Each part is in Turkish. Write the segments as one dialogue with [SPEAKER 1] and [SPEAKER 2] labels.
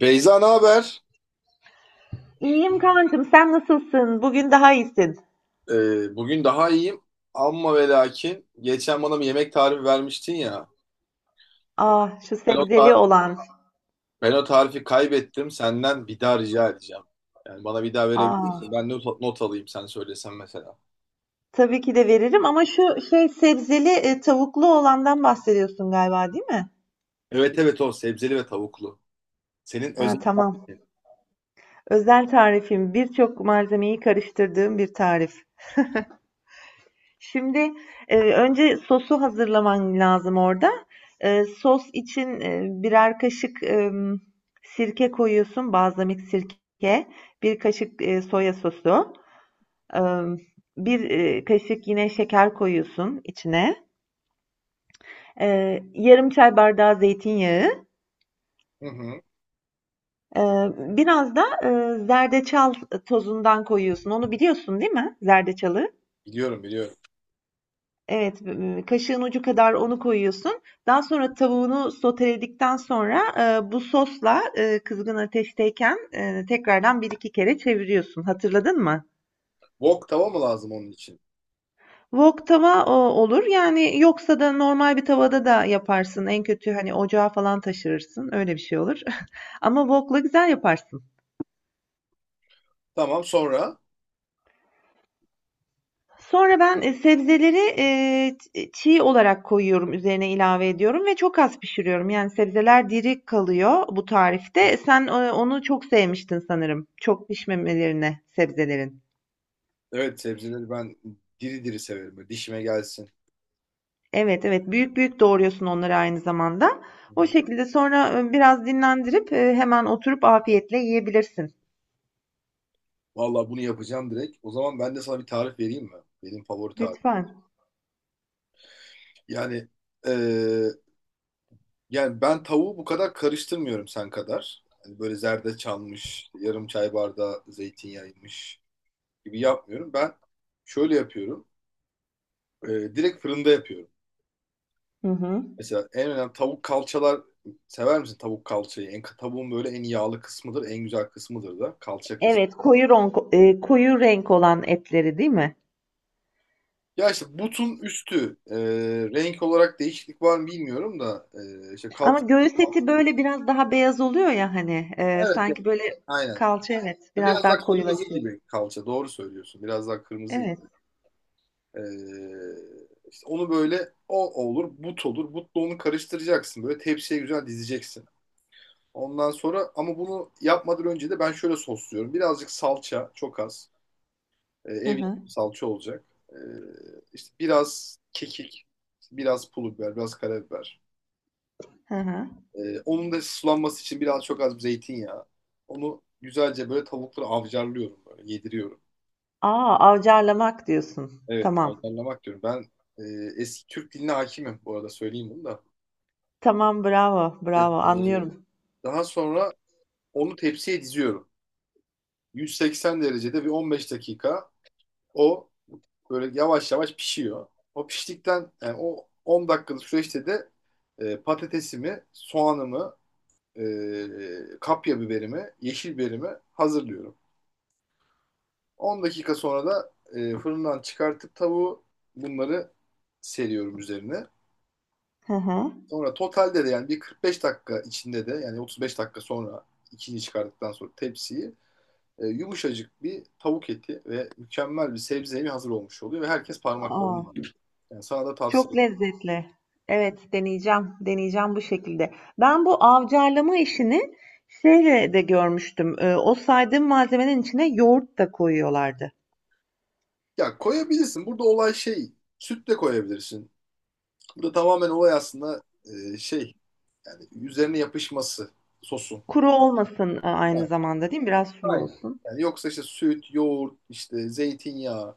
[SPEAKER 1] Beyza ne haber?
[SPEAKER 2] İyiyim kankım, sen nasılsın? Bugün daha iyisin.
[SPEAKER 1] Bugün daha iyiyim. Amma ve lakin geçen bana bir yemek tarifi vermiştin ya.
[SPEAKER 2] Ah, şu
[SPEAKER 1] Ben o, tar-
[SPEAKER 2] sebzeli olan.
[SPEAKER 1] ben o tarifi kaybettim. Senden bir daha rica edeceğim. Yani bana bir daha verebilir misin?
[SPEAKER 2] Ah,
[SPEAKER 1] Ben not alayım sen söylesen mesela.
[SPEAKER 2] tabii ki de veririm ama şu şey sebzeli tavuklu olandan bahsediyorsun galiba, değil mi?
[SPEAKER 1] Evet, evet, o sebzeli ve tavuklu. Senin
[SPEAKER 2] Ha,
[SPEAKER 1] özel
[SPEAKER 2] tamam.
[SPEAKER 1] tarifin.
[SPEAKER 2] Özel tarifim. Birçok malzemeyi karıştırdığım bir tarif. Şimdi önce sosu hazırlaman lazım orada. Sos için birer kaşık sirke koyuyorsun, balzamik sirke, bir kaşık soya sosu. Bir kaşık yine şeker koyuyorsun içine. Yarım çay bardağı zeytinyağı,
[SPEAKER 1] Hı hı.
[SPEAKER 2] biraz da zerdeçal tozundan koyuyorsun. Onu biliyorsun değil mi, zerdeçalı?
[SPEAKER 1] Biliyorum, biliyorum.
[SPEAKER 2] Evet, kaşığın ucu kadar onu koyuyorsun. Daha sonra tavuğunu soteledikten sonra, bu sosla, kızgın ateşteyken, tekrardan bir iki kere çeviriyorsun. Hatırladın mı?
[SPEAKER 1] Wok tava mı lazım onun için?
[SPEAKER 2] Wok tava, olur. Yani, yoksa da normal bir tavada da yaparsın. En kötü, hani, ocağa falan taşırırsın. Öyle bir şey olur. Ama wok'la güzel yaparsın.
[SPEAKER 1] Tamam, sonra.
[SPEAKER 2] Sonra ben, sebzeleri, çiğ olarak koyuyorum, üzerine ilave ediyorum ve çok az pişiriyorum. Yani, sebzeler diri kalıyor bu tarifte. Sen, onu çok sevmiştin sanırım, çok pişmemelerine sebzelerin.
[SPEAKER 1] Evet, sebzeleri ben diri diri severim. Böyle dişime gelsin.
[SPEAKER 2] Evet, evet, büyük büyük doğruyorsun onları aynı zamanda.
[SPEAKER 1] Hı
[SPEAKER 2] O
[SPEAKER 1] hı.
[SPEAKER 2] şekilde sonra, biraz dinlendirip, hemen oturup afiyetle yiyebilirsin.
[SPEAKER 1] Vallahi bunu yapacağım direkt. O zaman ben de sana bir tarif vereyim mi? Benim favori tarif.
[SPEAKER 2] Lütfen.
[SPEAKER 1] Yani eee, yani ben tavuğu bu kadar karıştırmıyorum sen kadar. Hani böyle zerdeçalmış, yarım çay bardağı zeytinyağıymış gibi yapmıyorum. Ben şöyle yapıyorum. Direkt fırında yapıyorum.
[SPEAKER 2] Hı hı.
[SPEAKER 1] Mesela en önemli tavuk kalçalar, sever misin tavuk kalçayı? Tavuğun böyle en yağlı kısmıdır, en güzel kısmıdır da kalça kısmı.
[SPEAKER 2] Evet, koyu renk olan etleri değil mi?
[SPEAKER 1] Ya işte butun üstü renk olarak değişiklik var mı bilmiyorum da işte
[SPEAKER 2] Ama
[SPEAKER 1] kalça.
[SPEAKER 2] göğüs eti böyle biraz daha beyaz oluyor ya hani
[SPEAKER 1] Evet,
[SPEAKER 2] sanki
[SPEAKER 1] evet,
[SPEAKER 2] böyle
[SPEAKER 1] aynen.
[SPEAKER 2] kalça, evet, biraz
[SPEAKER 1] Biraz daha
[SPEAKER 2] daha
[SPEAKER 1] kırmızı
[SPEAKER 2] koyulaşıyor.
[SPEAKER 1] gibi kalça. Doğru söylüyorsun. Biraz daha kırmızı
[SPEAKER 2] Evet.
[SPEAKER 1] gibi. Ee, işte onu böyle, o olur, but olur. Butla onu karıştıracaksın. Böyle tepsiye güzel dizeceksin. Ondan sonra, ama bunu yapmadan önce de ben şöyle sosluyorum. Birazcık salça, çok az. Ee,
[SPEAKER 2] Hı
[SPEAKER 1] ev
[SPEAKER 2] hı.
[SPEAKER 1] yapımı salça olacak. Ee, işte biraz kekik, biraz pul biber, biraz karabiber.
[SPEAKER 2] Hı hı.
[SPEAKER 1] Onun da sulanması için biraz çok az zeytinyağı. Onu güzelce böyle tavukları avcarlıyorum böyle, yediriyorum.
[SPEAKER 2] Aa, avcarlamak diyorsun.
[SPEAKER 1] Evet,
[SPEAKER 2] Tamam.
[SPEAKER 1] ayarlamak diyorum. Ben e, eski Türk diline hakimim, bu arada söyleyeyim bunu da.
[SPEAKER 2] Tamam, bravo,
[SPEAKER 1] E,
[SPEAKER 2] bravo.
[SPEAKER 1] e,
[SPEAKER 2] Anlıyorum.
[SPEAKER 1] daha sonra onu tepsiye diziyorum. 180 derecede bir 15 dakika o böyle yavaş yavaş pişiyor. O piştikten, yani o 10 dakikalık süreçte de patatesimi, soğanımı, kapya biberimi, yeşil biberimi hazırlıyorum. 10 dakika sonra da fırından çıkartıp tavuğu bunları seriyorum üzerine.
[SPEAKER 2] Hı hı.
[SPEAKER 1] Sonra totalde de, yani bir 45 dakika içinde de, yani 35 dakika sonra içini çıkardıktan sonra tepsiyi, yumuşacık bir tavuk eti ve mükemmel bir sebze yemi hazır olmuş oluyor ve herkes parmaklarını
[SPEAKER 2] Aa,
[SPEAKER 1] yiyor. Yani sana da tavsiye
[SPEAKER 2] çok
[SPEAKER 1] ederim.
[SPEAKER 2] lezzetli. Evet, deneyeceğim. Deneyeceğim bu şekilde. Ben bu avcarlama işini şeyle de görmüştüm. O saydığım malzemenin içine yoğurt da koyuyorlardı.
[SPEAKER 1] Ya, koyabilirsin. Burada olay şey, süt de koyabilirsin. Burada tamamen olay aslında şey, üzerine yapışması sosun.
[SPEAKER 2] Kuru olmasın aynı
[SPEAKER 1] Yani
[SPEAKER 2] zamanda değil mi? Biraz sulu
[SPEAKER 1] aynen.
[SPEAKER 2] olsun.
[SPEAKER 1] Yani yoksa işte süt, yoğurt, işte zeytinyağı,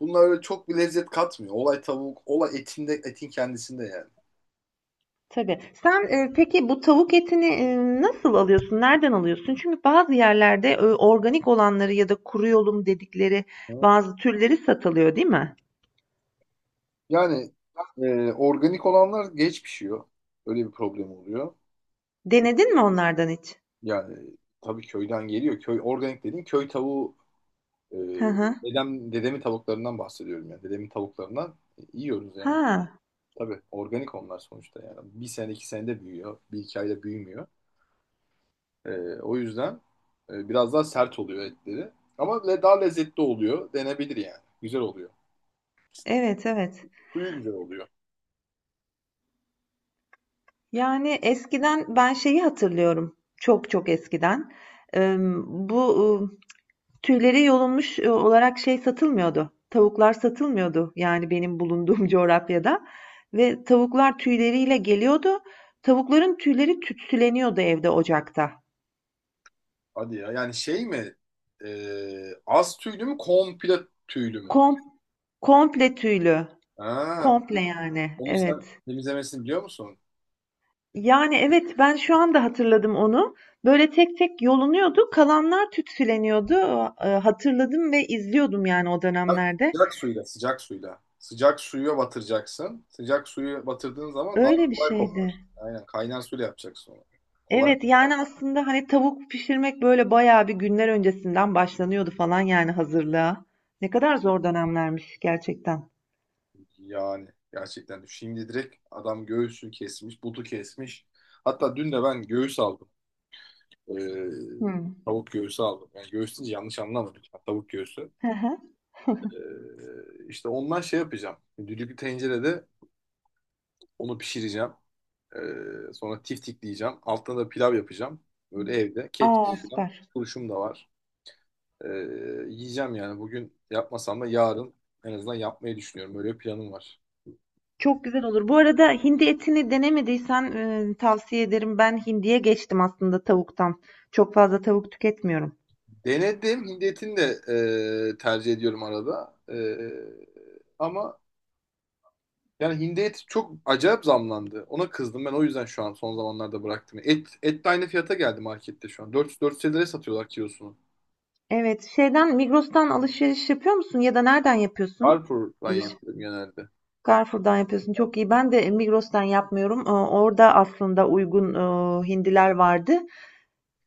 [SPEAKER 1] bunlar öyle çok bir lezzet katmıyor. Olay tavuk, olay etinde, etin kendisinde yani.
[SPEAKER 2] Tabii. Sen, peki bu tavuk etini, nasıl alıyorsun? Nereden alıyorsun? Çünkü bazı yerlerde, organik olanları ya da kuru yolum dedikleri bazı türleri satılıyor, değil mi?
[SPEAKER 1] Yani organik olanlar geç pişiyor. Öyle bir problem oluyor. Çünkü
[SPEAKER 2] Denedin mi onlardan hiç?
[SPEAKER 1] yani tabii köyden geliyor. Köy, organik dediğin köy tavuğu, e,
[SPEAKER 2] Hı hı.
[SPEAKER 1] dedemin tavuklarından bahsediyorum yani. Dedemin tavuklarından yiyoruz yani.
[SPEAKER 2] Ha,
[SPEAKER 1] Tabii organik onlar sonuçta yani. Bir sene iki senede büyüyor. Bir iki ayda büyümüyor. E, o yüzden biraz daha sert oluyor etleri. Ama daha lezzetli oluyor. Denebilir yani. Güzel oluyor.
[SPEAKER 2] evet, evet.
[SPEAKER 1] Suyu güzel oluyor.
[SPEAKER 2] Yani eskiden ben şeyi hatırlıyorum. Çok çok eskiden. Emm, bu tüyleri yolunmuş olarak şey satılmıyordu, tavuklar satılmıyordu, yani benim bulunduğum coğrafyada ve tavuklar tüyleriyle geliyordu. Tavukların tüyleri tütsüleniyordu evde ocakta.
[SPEAKER 1] Hadi ya. Yani şey mi? Az tüylü mü? Komple tüylü mü?
[SPEAKER 2] Kom komple tüylü,
[SPEAKER 1] Ha,
[SPEAKER 2] komple yani,
[SPEAKER 1] onu sen
[SPEAKER 2] evet.
[SPEAKER 1] temizlemesini biliyor musun?
[SPEAKER 2] Yani, evet, ben şu anda hatırladım onu. Böyle tek tek yolunuyordu, kalanlar tütsüleniyordu. Hatırladım ve izliyordum yani o
[SPEAKER 1] Sıcak,
[SPEAKER 2] dönemlerde.
[SPEAKER 1] sıcak suyla, sıcak suyla. Sıcak suya batıracaksın. Sıcak suyu batırdığın zaman daha
[SPEAKER 2] Öyle bir
[SPEAKER 1] kolay
[SPEAKER 2] şeydi.
[SPEAKER 1] kopar. Aynen, kaynar suyla yapacaksın onu. Kolay
[SPEAKER 2] Evet yani aslında hani tavuk pişirmek böyle bayağı bir günler öncesinden başlanıyordu falan yani hazırlığa. Ne kadar zor dönemlermiş gerçekten.
[SPEAKER 1] yani, gerçekten. Şimdi direkt adam göğsü kesmiş, butu kesmiş. Hatta dün de ben göğüs aldım. Ee,
[SPEAKER 2] Hmm.
[SPEAKER 1] tavuk göğsü aldım. Yani göğüs deyince yanlış anlamadım. Tavuk göğsü.
[SPEAKER 2] Hı hı.
[SPEAKER 1] İşte ondan şey yapacağım. Düdüklü tencerede onu pişireceğim. Sonra tiftikleyeceğim. Altına da pilav yapacağım. Böyle evde. Ketçap
[SPEAKER 2] Aa,
[SPEAKER 1] falan.
[SPEAKER 2] süper.
[SPEAKER 1] Turşum da var. Ee, yiyeceğim yani. Bugün yapmasam da yarın en azından yapmayı düşünüyorum. Böyle bir planım var.
[SPEAKER 2] Çok güzel olur. Bu arada hindi etini denemediysen tavsiye ederim. Ben hindiye geçtim aslında tavuktan. Çok fazla tavuk tüketmiyorum.
[SPEAKER 1] Denedim. Hindi etini de tercih ediyorum arada. Ama yani hindi eti çok acayip zamlandı. Ona kızdım, ben o yüzden şu an son zamanlarda bıraktım. Et de aynı fiyata geldi markette şu an. 400-450 liraya satıyorlar kilosunu.
[SPEAKER 2] Evet, şeyden Migros'tan alışveriş yapıyor musun ya da nereden yapıyorsun?
[SPEAKER 1] Carrefour'dan yapıyorum genelde.
[SPEAKER 2] Carrefour'dan yapıyorsun. Çok iyi. Ben de Migros'tan yapmıyorum. Orada aslında uygun hindiler vardı.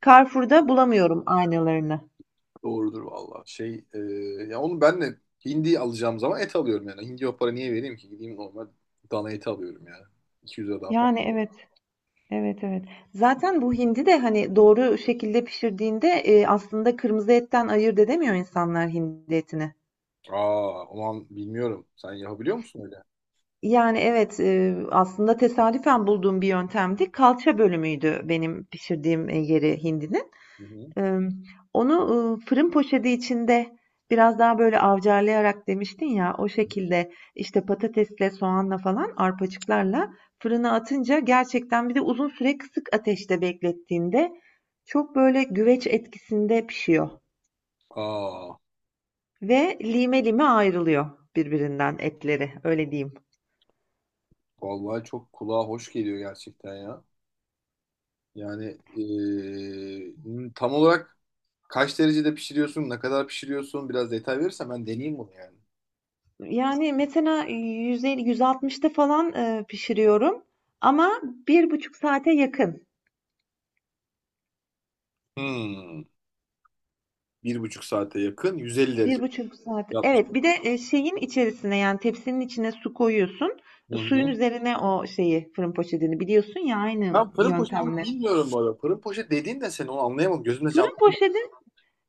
[SPEAKER 2] Carrefour'da bulamıyorum aynalarını.
[SPEAKER 1] Doğrudur valla. Ya onu ben de hindi alacağım zaman et alıyorum yani. Hindi, o para niye vereyim ki? Gideyim normal dana eti alıyorum yani. 200'e daha
[SPEAKER 2] Yani
[SPEAKER 1] fazla.
[SPEAKER 2] evet, evet, evet. Zaten bu hindi de hani doğru şekilde pişirdiğinde aslında kırmızı etten ayırt edemiyor insanlar hindi etini.
[SPEAKER 1] Aa aman, bilmiyorum. Sen yapabiliyor musun öyle?
[SPEAKER 2] Yani evet, aslında tesadüfen bulduğum bir yöntemdi. Kalça bölümüydü benim pişirdiğim yeri hindinin.
[SPEAKER 1] Hı hı.
[SPEAKER 2] Onu fırın poşeti içinde biraz daha böyle avcarlayarak demiştin ya, o şekilde, işte, patatesle, soğanla falan, arpacıklarla fırına atınca gerçekten bir de uzun süre kısık ateşte beklettiğinde çok böyle güveç etkisinde pişiyor
[SPEAKER 1] Aa,
[SPEAKER 2] ve lime lime ayrılıyor birbirinden etleri, öyle diyeyim.
[SPEAKER 1] vallahi çok kulağa hoş geliyor gerçekten ya. Yani tam olarak kaç derecede pişiriyorsun, ne kadar pişiriyorsun, biraz detay verirsen ben deneyeyim bunu yani.
[SPEAKER 2] Yani, mesela 150, 160'ta falan, pişiriyorum ama bir buçuk saate yakın.
[SPEAKER 1] Hmm, bir buçuk saate yakın 150 derece
[SPEAKER 2] Bir buçuk saat.
[SPEAKER 1] yapmış.
[SPEAKER 2] Evet, bir de şeyin içerisine yani tepsinin içine su koyuyorsun.
[SPEAKER 1] Hı
[SPEAKER 2] Suyun
[SPEAKER 1] hı.
[SPEAKER 2] üzerine o şeyi fırın poşetini biliyorsun ya aynı
[SPEAKER 1] Ben fırın poşetini
[SPEAKER 2] yöntemle.
[SPEAKER 1] bilmiyorum bu arada. Fırın poşet dediğin de seni, onu anlayamadım. Gözümde
[SPEAKER 2] Fırın
[SPEAKER 1] canlandı.
[SPEAKER 2] poşeti,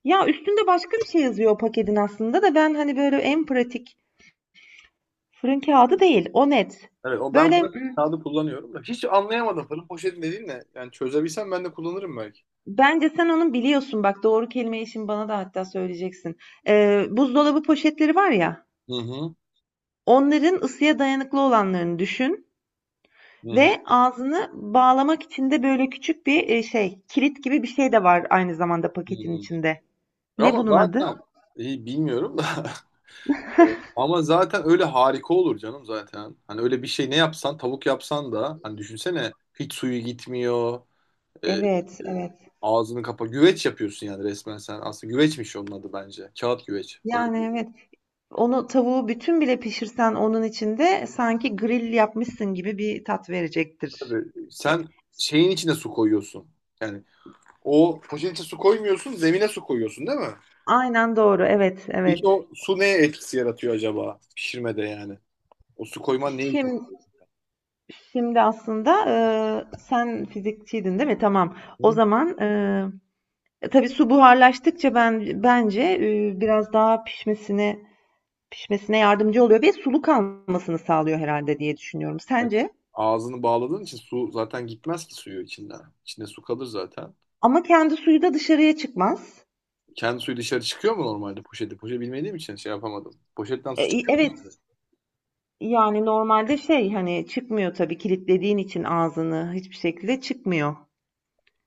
[SPEAKER 2] ya üstünde başka bir şey yazıyor o paketin aslında da ben hani böyle en pratik, fırın kağıdı değil o net.
[SPEAKER 1] Evet, o ben
[SPEAKER 2] Böyle m,
[SPEAKER 1] fırın kağıdı kullanıyorum da. Hiç anlayamadım, fırın poşeti dediğin ne? Yani çözebilsem ben de kullanırım belki.
[SPEAKER 2] Bence sen onun biliyorsun bak, doğru kelimeyi şimdi bana da hatta söyleyeceksin. Buzdolabı poşetleri var ya,
[SPEAKER 1] Hı hı.
[SPEAKER 2] onların ısıya dayanıklı olanlarını düşün.
[SPEAKER 1] Hı hı.
[SPEAKER 2] Ve ağzını bağlamak için de böyle küçük bir, şey, kilit gibi bir şey de var aynı zamanda
[SPEAKER 1] Hı
[SPEAKER 2] paketin
[SPEAKER 1] hı.
[SPEAKER 2] içinde. Ne
[SPEAKER 1] Ama
[SPEAKER 2] bunun adı?
[SPEAKER 1] zaten iyi bilmiyorum da. Ama zaten öyle harika olur canım zaten. Hani öyle bir şey, ne yapsan, tavuk yapsan da, hani düşünsene, hiç suyu gitmiyor. e, e,
[SPEAKER 2] Evet, evet.
[SPEAKER 1] ağzını kapa. Güveç yapıyorsun yani, resmen sen. Aslında güveçmiş onun adı bence. Kağıt güveç.
[SPEAKER 2] Yani, evet. Onu tavuğu bütün bile pişirsen onun içinde sanki grill yapmışsın gibi bir tat verecektir.
[SPEAKER 1] Tabii
[SPEAKER 2] E,
[SPEAKER 1] sen şeyin içine su koyuyorsun. Yani o poşetin içine su koymuyorsun, zemine su koyuyorsun, değil mi?
[SPEAKER 2] aynen doğru. Evet,
[SPEAKER 1] Peki
[SPEAKER 2] evet.
[SPEAKER 1] o su neye etkisi yaratıyor acaba pişirmede yani? O su koyman ne için?
[SPEAKER 2] Şim şimdi aslında, sen fizikçiydin, değil mi? Tamam. O zaman, tabii su buharlaştıkça ben bence, biraz daha pişmesine yardımcı oluyor ve sulu kalmasını sağlıyor herhalde diye düşünüyorum. Sence?
[SPEAKER 1] Ağzını bağladığın için su zaten gitmez ki suyu içinden. İçinde su kalır zaten.
[SPEAKER 2] Ama kendi suyu da dışarıya çıkmaz.
[SPEAKER 1] Kendi suyu dışarı çıkıyor mu normalde poşeti? Poşet bilmediğim için şey yapamadım. Poşetten su çıkıyor mu
[SPEAKER 2] Evet,
[SPEAKER 1] dışarı?
[SPEAKER 2] yani normalde şey, hani, çıkmıyor tabii kilitlediğin için ağzını, hiçbir şekilde çıkmıyor.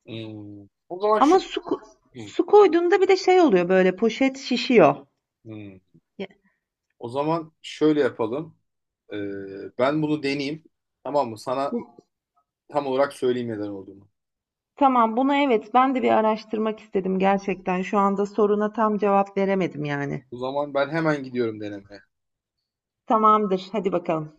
[SPEAKER 1] Hmm. O zaman şu
[SPEAKER 2] Ama su ko
[SPEAKER 1] Hmm.
[SPEAKER 2] su koyduğunda bir de şey oluyor, böyle, poşet şişiyor.
[SPEAKER 1] Hmm.
[SPEAKER 2] Ya,
[SPEAKER 1] O zaman şöyle yapalım. Ben bunu deneyeyim. Tamam mı? Sana tam olarak söyleyeyim neden olduğunu.
[SPEAKER 2] tamam, bunu evet, ben de bir araştırmak istedim gerçekten. Şu anda soruna tam cevap veremedim yani.
[SPEAKER 1] O zaman ben hemen gidiyorum denemeye.
[SPEAKER 2] Tamamdır, hadi bakalım.